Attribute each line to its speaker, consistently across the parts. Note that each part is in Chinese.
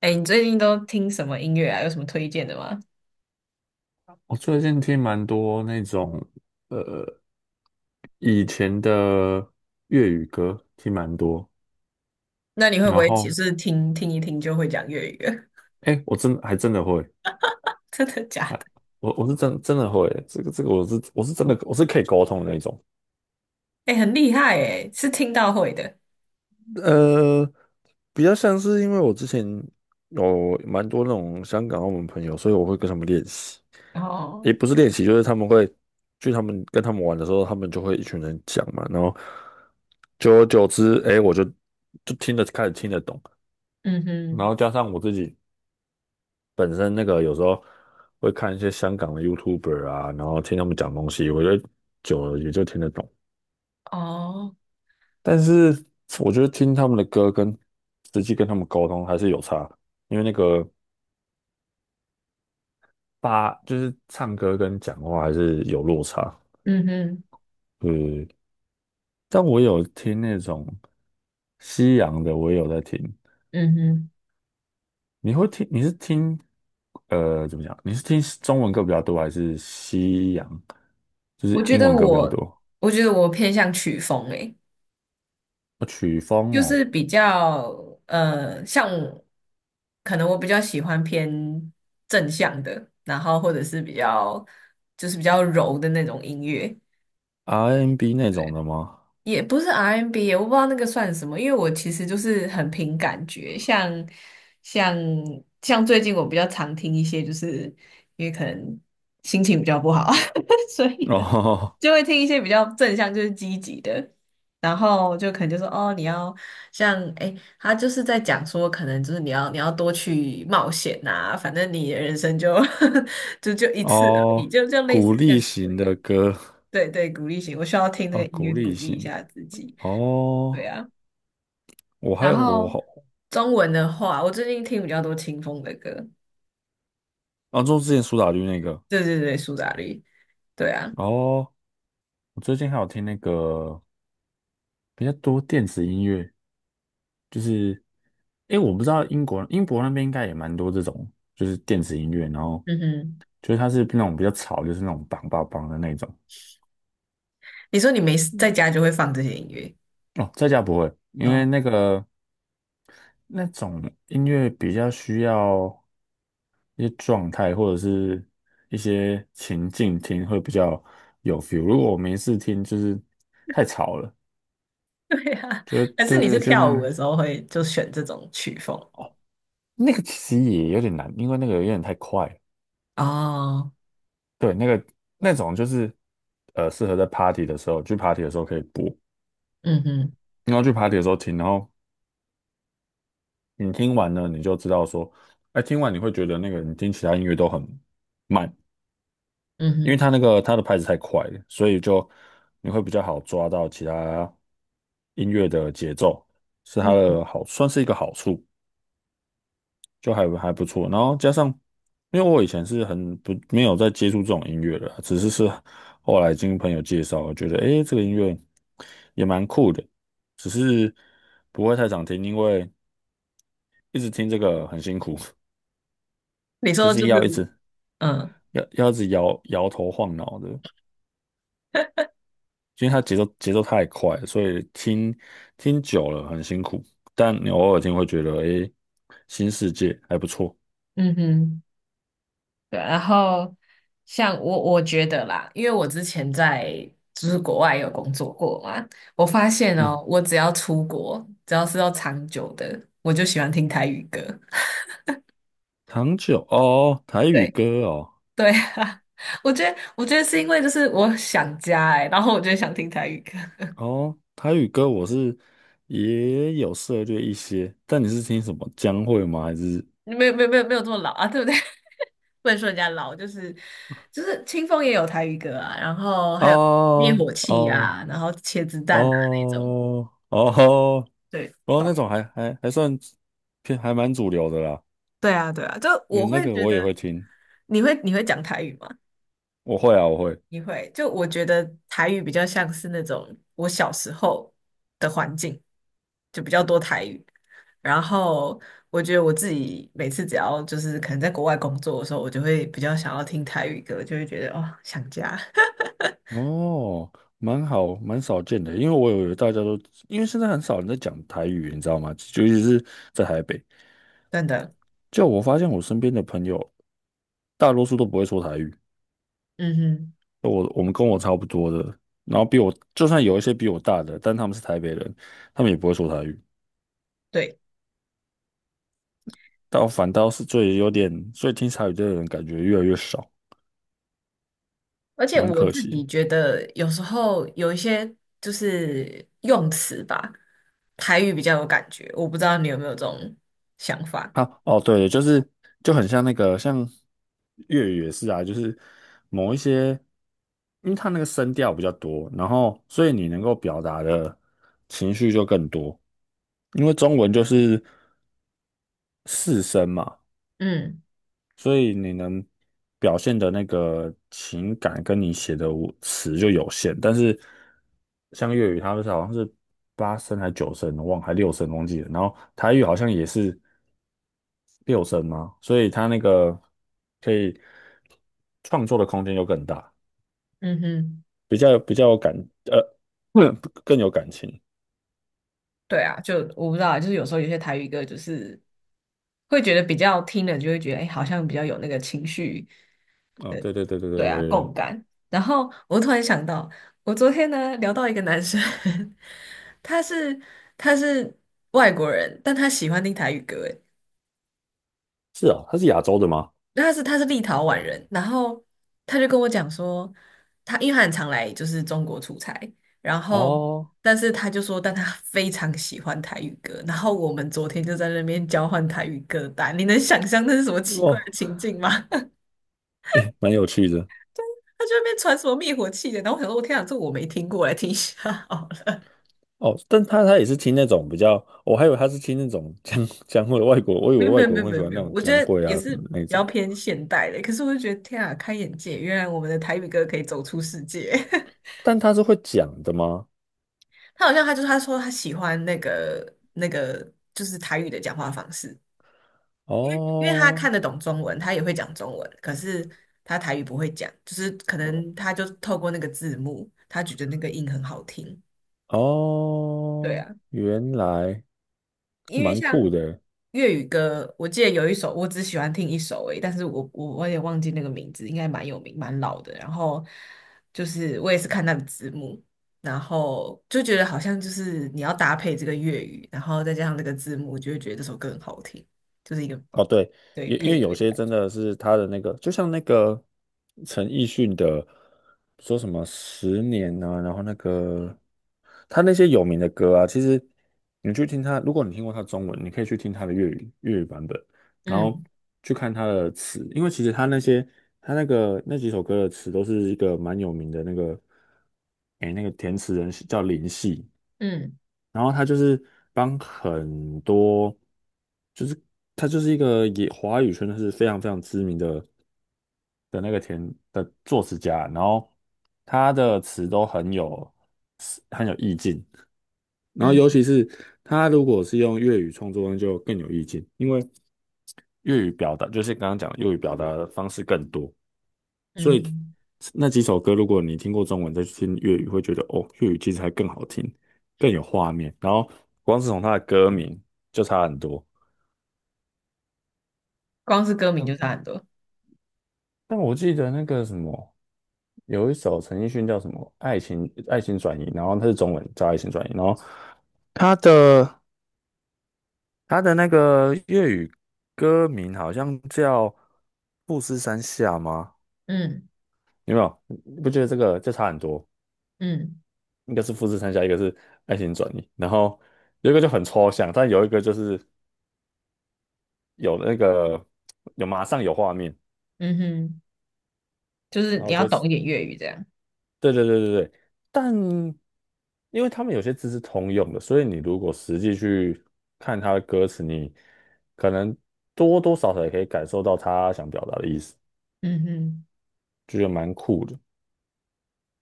Speaker 1: 哎，你最近都听什么音乐啊？有什么推荐的吗？
Speaker 2: 我最近听蛮多那种呃以前的粤语歌，听蛮多。
Speaker 1: 那你会不
Speaker 2: 然
Speaker 1: 会只
Speaker 2: 后，
Speaker 1: 是听听一听就会讲粤语了？
Speaker 2: 哎，我真的会
Speaker 1: 真的假的？
Speaker 2: 啊，我是真的会这个，我是可以沟通的那种。
Speaker 1: 哎，很厉害哎，是听到会的。
Speaker 2: 呃，比较像是因为我之前有蛮多那种香港、澳门朋友，所以我会跟他们练习，
Speaker 1: 哦，
Speaker 2: 也不是练习，就是他们会去他们跟他们玩的时候，他们就会一群人讲嘛，然后久而久之，哎，我就开始听得懂，
Speaker 1: 嗯
Speaker 2: 然
Speaker 1: 哼，
Speaker 2: 后加上我自己本身那个有时候会看一些香港的 YouTuber 啊，然后听他们讲东西，我觉得久了也就听得懂。
Speaker 1: 哦，
Speaker 2: 但是我觉得听他们的歌跟实际跟他们沟通还是有差，因为那个就是唱歌跟讲话还是有落差。
Speaker 1: 嗯哼，
Speaker 2: 嗯，但我有听那种西洋的，我也有在听。
Speaker 1: 嗯哼，
Speaker 2: 你会听？你是听呃怎么讲？你是听中文歌比较多，还是西洋？就是
Speaker 1: 我觉
Speaker 2: 英
Speaker 1: 得
Speaker 2: 文歌比较
Speaker 1: 我，
Speaker 2: 多？
Speaker 1: 我觉得我偏向曲风哎，
Speaker 2: 哦曲风
Speaker 1: 就是
Speaker 2: 哦
Speaker 1: 比较像可能我比较喜欢偏正向的，然后或者是比较就是比较柔的那种音乐。
Speaker 2: ，R&B N 那种
Speaker 1: 对。
Speaker 2: 的吗？
Speaker 1: 也不是 RMB，我不知道那个算什么，因为我其实就是很凭感觉，像像最近我比较常听一些，就是因为可能心情比较不好，所以 的
Speaker 2: 哦
Speaker 1: 就会听一些比较正向，就是积极的，然后就可能就说哦，你要像哎，他就是在讲说，可能就是你要多去冒险呐、反正你的人生就 就一次而已，
Speaker 2: 哦，
Speaker 1: 就类
Speaker 2: 鼓
Speaker 1: 似像
Speaker 2: 励
Speaker 1: 这
Speaker 2: 型的
Speaker 1: 样。
Speaker 2: 歌
Speaker 1: 对对，鼓励型，我需要听那
Speaker 2: 啊，
Speaker 1: 个音
Speaker 2: 鼓
Speaker 1: 乐鼓
Speaker 2: 励
Speaker 1: 励一
Speaker 2: 型
Speaker 1: 下自己。对
Speaker 2: 哦。
Speaker 1: 啊，
Speaker 2: 我还
Speaker 1: 然
Speaker 2: 有我
Speaker 1: 后
Speaker 2: 好，
Speaker 1: 中文的话，我最近听比较多清风的歌。
Speaker 2: 啊，就之前苏打绿那个
Speaker 1: 对对对，苏打绿。对啊，
Speaker 2: 哦，我最近还有听那个比较多电子音乐，就是诶，我不知道英国那边应该也蛮多这种，就是电子音乐，然后
Speaker 1: 嗯哼，
Speaker 2: 就是它是那种比较吵，就是那种梆梆梆的那种。
Speaker 1: 你说你没事在
Speaker 2: 嗯
Speaker 1: 家就会放这些音乐
Speaker 2: 哦，在家不会，因为
Speaker 1: 哦？
Speaker 2: 那种音乐比较需要。一些状态或者是一些情境听会比较有 feel。如果我没事听，就是太吵了，
Speaker 1: 对啊，
Speaker 2: 就
Speaker 1: 还是
Speaker 2: 对
Speaker 1: 你是
Speaker 2: 对，就
Speaker 1: 跳
Speaker 2: 那
Speaker 1: 舞
Speaker 2: 个
Speaker 1: 的时候会就选这种曲风？
Speaker 2: 那个其实也有点难，因为那个有点太快了
Speaker 1: 哦，
Speaker 2: 对，那个那种就是适合在 party 的时候，去 party 的时候可以播，
Speaker 1: 嗯哼，
Speaker 2: 然后去 party 的时候听，然后你听完呢，你就知道说，哎，听完你会觉得那个你听其他音乐都很慢，
Speaker 1: 嗯
Speaker 2: 因为
Speaker 1: 哼，
Speaker 2: 它那个它的拍子太快了，所以就你会比较好抓到其他音乐的节奏，是它
Speaker 1: 嗯
Speaker 2: 的好，算是一个好处，就还不错。然后加上，因为我以前是很不没有在接触这种音乐的，只是后来经朋友介绍，我觉得诶这个音乐也蛮酷的，只是不会太常听，因为一直听这个很辛苦，
Speaker 1: 你
Speaker 2: 就
Speaker 1: 说
Speaker 2: 是
Speaker 1: 就
Speaker 2: 要一
Speaker 1: 是，
Speaker 2: 直
Speaker 1: 嗯
Speaker 2: 要要一直摇摇头晃脑的。因为它节奏太快了所以听久了很辛苦，但你偶尔听会觉得，诶，新世界还不错。
Speaker 1: 嗯哼。对，然后像我，我觉得啦，因为我之前在就是国外有工作过嘛，我发现
Speaker 2: 嗯，
Speaker 1: 哦，我只要出国，只要是要长久的，我就喜欢听台语歌。
Speaker 2: 糖酒哦，台语
Speaker 1: 对
Speaker 2: 歌哦，
Speaker 1: 对啊，我觉得是因为就是我想家哎、然后我就想听台语歌，
Speaker 2: 哦，台语歌我是也有涉猎一些，但你是听什么将会吗？还是
Speaker 1: 没有没有没有没有这么老啊，对不对？不能说人家老，就是清风也有台语歌啊，然后还有灭
Speaker 2: 哦
Speaker 1: 火器
Speaker 2: 哦
Speaker 1: 啊，然后切子蛋啊那种，
Speaker 2: 哦哦
Speaker 1: 对。
Speaker 2: 哦那种还算偏还蛮主流的啦，
Speaker 1: 对啊，对啊，就
Speaker 2: 对，
Speaker 1: 我
Speaker 2: 那
Speaker 1: 会
Speaker 2: 个
Speaker 1: 觉
Speaker 2: 我也
Speaker 1: 得
Speaker 2: 会听，
Speaker 1: 你会讲台语吗？
Speaker 2: 我会啊，我会。
Speaker 1: 你会，就我觉得台语比较像是那种我小时候的环境，就比较多台语。然后我觉得我自己每次只要就是可能在国外工作的时候，我就会比较想要听台语歌，就会觉得哦想家。
Speaker 2: 哦，蛮好，蛮少见的，因为我以为大家都，因为现在很少人在讲台语，你知道吗？尤其是在台北，
Speaker 1: 真的，
Speaker 2: 就我发现我身边的朋友，大多数都不会说台语，
Speaker 1: 嗯哼，
Speaker 2: 我们跟我差不多的，然后比我，就算有一些比我大的，但他们是台北人，他们也不会说台语，
Speaker 1: 对。
Speaker 2: 但我反倒是最有点，所以听台语的人感觉越来越少，
Speaker 1: 而且
Speaker 2: 蛮
Speaker 1: 我
Speaker 2: 可
Speaker 1: 自己
Speaker 2: 惜。
Speaker 1: 觉得，有时候有一些就是用词吧，台语比较有感觉。我不知道你有没有这种想法？
Speaker 2: 啊，哦，对，就是就很像那个，像粤语也是啊，就是某一些，因为它那个声调比较多，然后所以你能够表达的情绪就更多，因为中文就是四声嘛，
Speaker 1: 嗯
Speaker 2: 所以你能表现的那个情感跟你写的文词就有限，但是像粤语，它们是好像是八声还九声，我忘了还六声忘记了，然后台语好像也是。六神嘛，所以它那个可以创作的空间又更大，
Speaker 1: 嗯哼，
Speaker 2: 比较比较有感，呃，嗯更有感情。
Speaker 1: 对啊，就我不知道啊，就是有时候有些台语歌就是会觉得比较听了就会觉得，哎、好像比较有那个情绪，
Speaker 2: 哦，对对对对
Speaker 1: 对
Speaker 2: 对，有
Speaker 1: 啊，
Speaker 2: 有
Speaker 1: 共
Speaker 2: 有，
Speaker 1: 感。然后我突然想到，我昨天呢聊到一个男生，他是他是外国人，但他喜欢听台语歌，哎
Speaker 2: 是啊，它是亚洲的吗？
Speaker 1: 他是立陶宛人，然后他就跟我讲说，他因为他很常来就是中国出差，然后
Speaker 2: 哦
Speaker 1: 但是他就说，但他非常喜欢台语歌，然后我们昨天就在那边交换台语歌单，你能想象那是什么奇怪
Speaker 2: 哦，
Speaker 1: 的情境吗？
Speaker 2: 蛮有趣的
Speaker 1: 他就在那边传什么灭火器的，然后我想说，我天啊，这我没听过，来听一下好了。
Speaker 2: 哦，但他也是听那种比较，我还以为他是听那种江蕙外国，我以
Speaker 1: 没
Speaker 2: 为
Speaker 1: 有没
Speaker 2: 外
Speaker 1: 有
Speaker 2: 国
Speaker 1: 没有
Speaker 2: 人会
Speaker 1: 没
Speaker 2: 喜
Speaker 1: 有
Speaker 2: 欢
Speaker 1: 没
Speaker 2: 那
Speaker 1: 有，
Speaker 2: 种
Speaker 1: 我觉
Speaker 2: 江
Speaker 1: 得
Speaker 2: 蕙
Speaker 1: 也
Speaker 2: 啊什
Speaker 1: 是
Speaker 2: 么
Speaker 1: 比
Speaker 2: 的那
Speaker 1: 较
Speaker 2: 种，
Speaker 1: 偏现代的，可是我就觉得天啊，开眼界，原来我们的台语歌可以走出世界。
Speaker 2: 但他是会讲的吗？
Speaker 1: 他好像他就是他说他喜欢那个就是台语的讲话方式，因为他
Speaker 2: 哦
Speaker 1: 看得懂中文，他也会讲中文，可是他台语不会讲，就是可
Speaker 2: 哦，
Speaker 1: 能他就透过那个字幕，他觉得那个音很好听。对
Speaker 2: 哦
Speaker 1: 啊，
Speaker 2: 原来
Speaker 1: 因为
Speaker 2: 蛮
Speaker 1: 像
Speaker 2: 酷的。
Speaker 1: 粤语歌，我记得有一首，我只喜欢听一首而已，但是我也忘记那个名字，应该蛮有名、蛮老的。然后就是我也是看那个字幕，然后就觉得好像就是你要搭配这个粤语，然后再加上那个字幕，就会觉得这首歌很好听，就是一个
Speaker 2: 哦，对，
Speaker 1: 对
Speaker 2: 因因
Speaker 1: 配
Speaker 2: 为有
Speaker 1: 对的
Speaker 2: 些
Speaker 1: 感
Speaker 2: 真
Speaker 1: 觉。
Speaker 2: 的是他的那个，就像那个陈奕迅的，说什么十年啊，然后那个他那些有名的歌啊，其实你去听他，如果你听过他的中文，你可以去听他的粤语版本，然后
Speaker 1: 嗯
Speaker 2: 去看他的词，因为其实他那些他那个那几首歌的词都是一个蛮有名的那个，诶，那个填词人是叫林夕，
Speaker 1: 嗯
Speaker 2: 然后他就是帮很多，就是他就是一个也华语圈就是非常非常知名的那个作词家，然后他的词都很有意境，然后尤
Speaker 1: 嗯
Speaker 2: 其是他如果是用粤语创作，那就更有意境，因为粤语表达就是刚刚讲的粤语表达的方式更多。
Speaker 1: 嗯
Speaker 2: 所以
Speaker 1: 哼，
Speaker 2: 那几首歌，如果你听过中文再去听粤语，会觉得哦，粤语其实还更好听，更有画面。然后光是从它的歌名就差很多。
Speaker 1: 光是歌名就
Speaker 2: 嗯，
Speaker 1: 差很多。
Speaker 2: 但我记得那个什么，有一首陈奕迅叫什么《爱情转移》，然后它是中文叫《爱情转移》，然后它的它的那个粤语歌名好像叫《富士山下》吗？
Speaker 1: 嗯
Speaker 2: 有没有？你不觉得这个就差很多？
Speaker 1: 嗯
Speaker 2: 一个是富士山下，一个是爱情转移，然后有一个就很抽象，但有一个就是有那个有马上有画面，
Speaker 1: 嗯哼，就是
Speaker 2: 然
Speaker 1: 你
Speaker 2: 后
Speaker 1: 要
Speaker 2: 就是
Speaker 1: 懂一点粤语这样。
Speaker 2: 对对对对对，但因为他们有些字是通用的，所以你如果实际去看他的歌词，你可能多多少少也可以感受到他想表达的意思，
Speaker 1: 嗯哼。
Speaker 2: 就觉得蛮酷的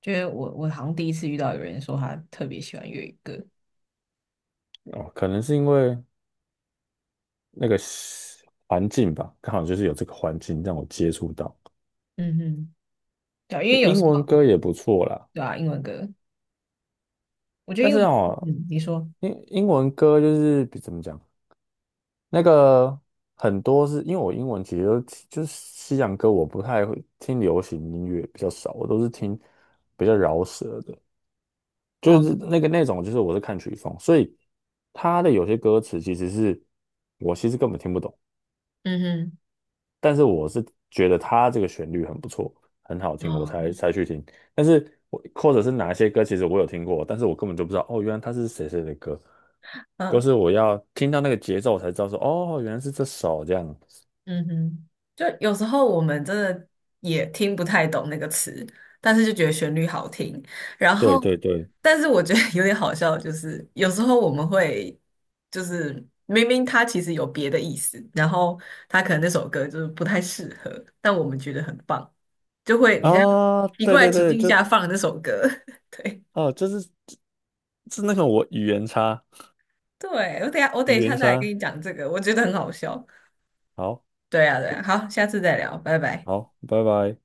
Speaker 1: 就是我好像第一次遇到有人说他特别喜欢粤语歌，
Speaker 2: 哦。可能是因为那个环境吧，刚好就是有这个环境让我接触到
Speaker 1: 嗯哼，对啊因为有
Speaker 2: 英
Speaker 1: 时
Speaker 2: 文
Speaker 1: 候
Speaker 2: 歌也不错啦。
Speaker 1: 对啊，英文歌，我觉得
Speaker 2: 但
Speaker 1: 英
Speaker 2: 是
Speaker 1: 文，
Speaker 2: 哦，
Speaker 1: 嗯，你说，
Speaker 2: 英文歌就是比怎么讲，那个很多是因为我英文其实都就是西洋歌，我不太会听流行音乐比较少，我都是听比较饶舌的，就
Speaker 1: 哦，
Speaker 2: 是那个那种就是我是看曲风，所以他的有些歌词其实是我其实根本听不懂，
Speaker 1: 嗯
Speaker 2: 但是我是觉得他这个旋律很不错，很好
Speaker 1: 哼，
Speaker 2: 听，我才
Speaker 1: 哦，
Speaker 2: 才去听。但是我或者是哪一些歌，其实我有听过，但是我根本就不知道哦，原来他是谁谁的歌。都
Speaker 1: 嗯。
Speaker 2: 是我要听到那个节奏我才知道说，哦，原来是这首这样。
Speaker 1: 嗯哼，就有时候我们真的也听不太懂那个词，但是就觉得旋律好听。然
Speaker 2: 对
Speaker 1: 后，
Speaker 2: 对对，
Speaker 1: 但是我觉得 有点好笑就是，有时候我们会就是明明它其实有别的意思，然后它可能那首歌就是不太适合，但我们觉得很棒，就会你在
Speaker 2: 啊，
Speaker 1: 奇
Speaker 2: 对
Speaker 1: 怪
Speaker 2: 对
Speaker 1: 的情
Speaker 2: 对，
Speaker 1: 境
Speaker 2: 就
Speaker 1: 下放那首歌。对
Speaker 2: 哦，就是那个我语言差，
Speaker 1: 对，我等一下我等一
Speaker 2: 语
Speaker 1: 下
Speaker 2: 言
Speaker 1: 再来跟
Speaker 2: 差。
Speaker 1: 你讲这个，我觉得很好笑。
Speaker 2: 好，
Speaker 1: 对啊对啊，好，下次再聊，拜拜。
Speaker 2: 好，拜拜。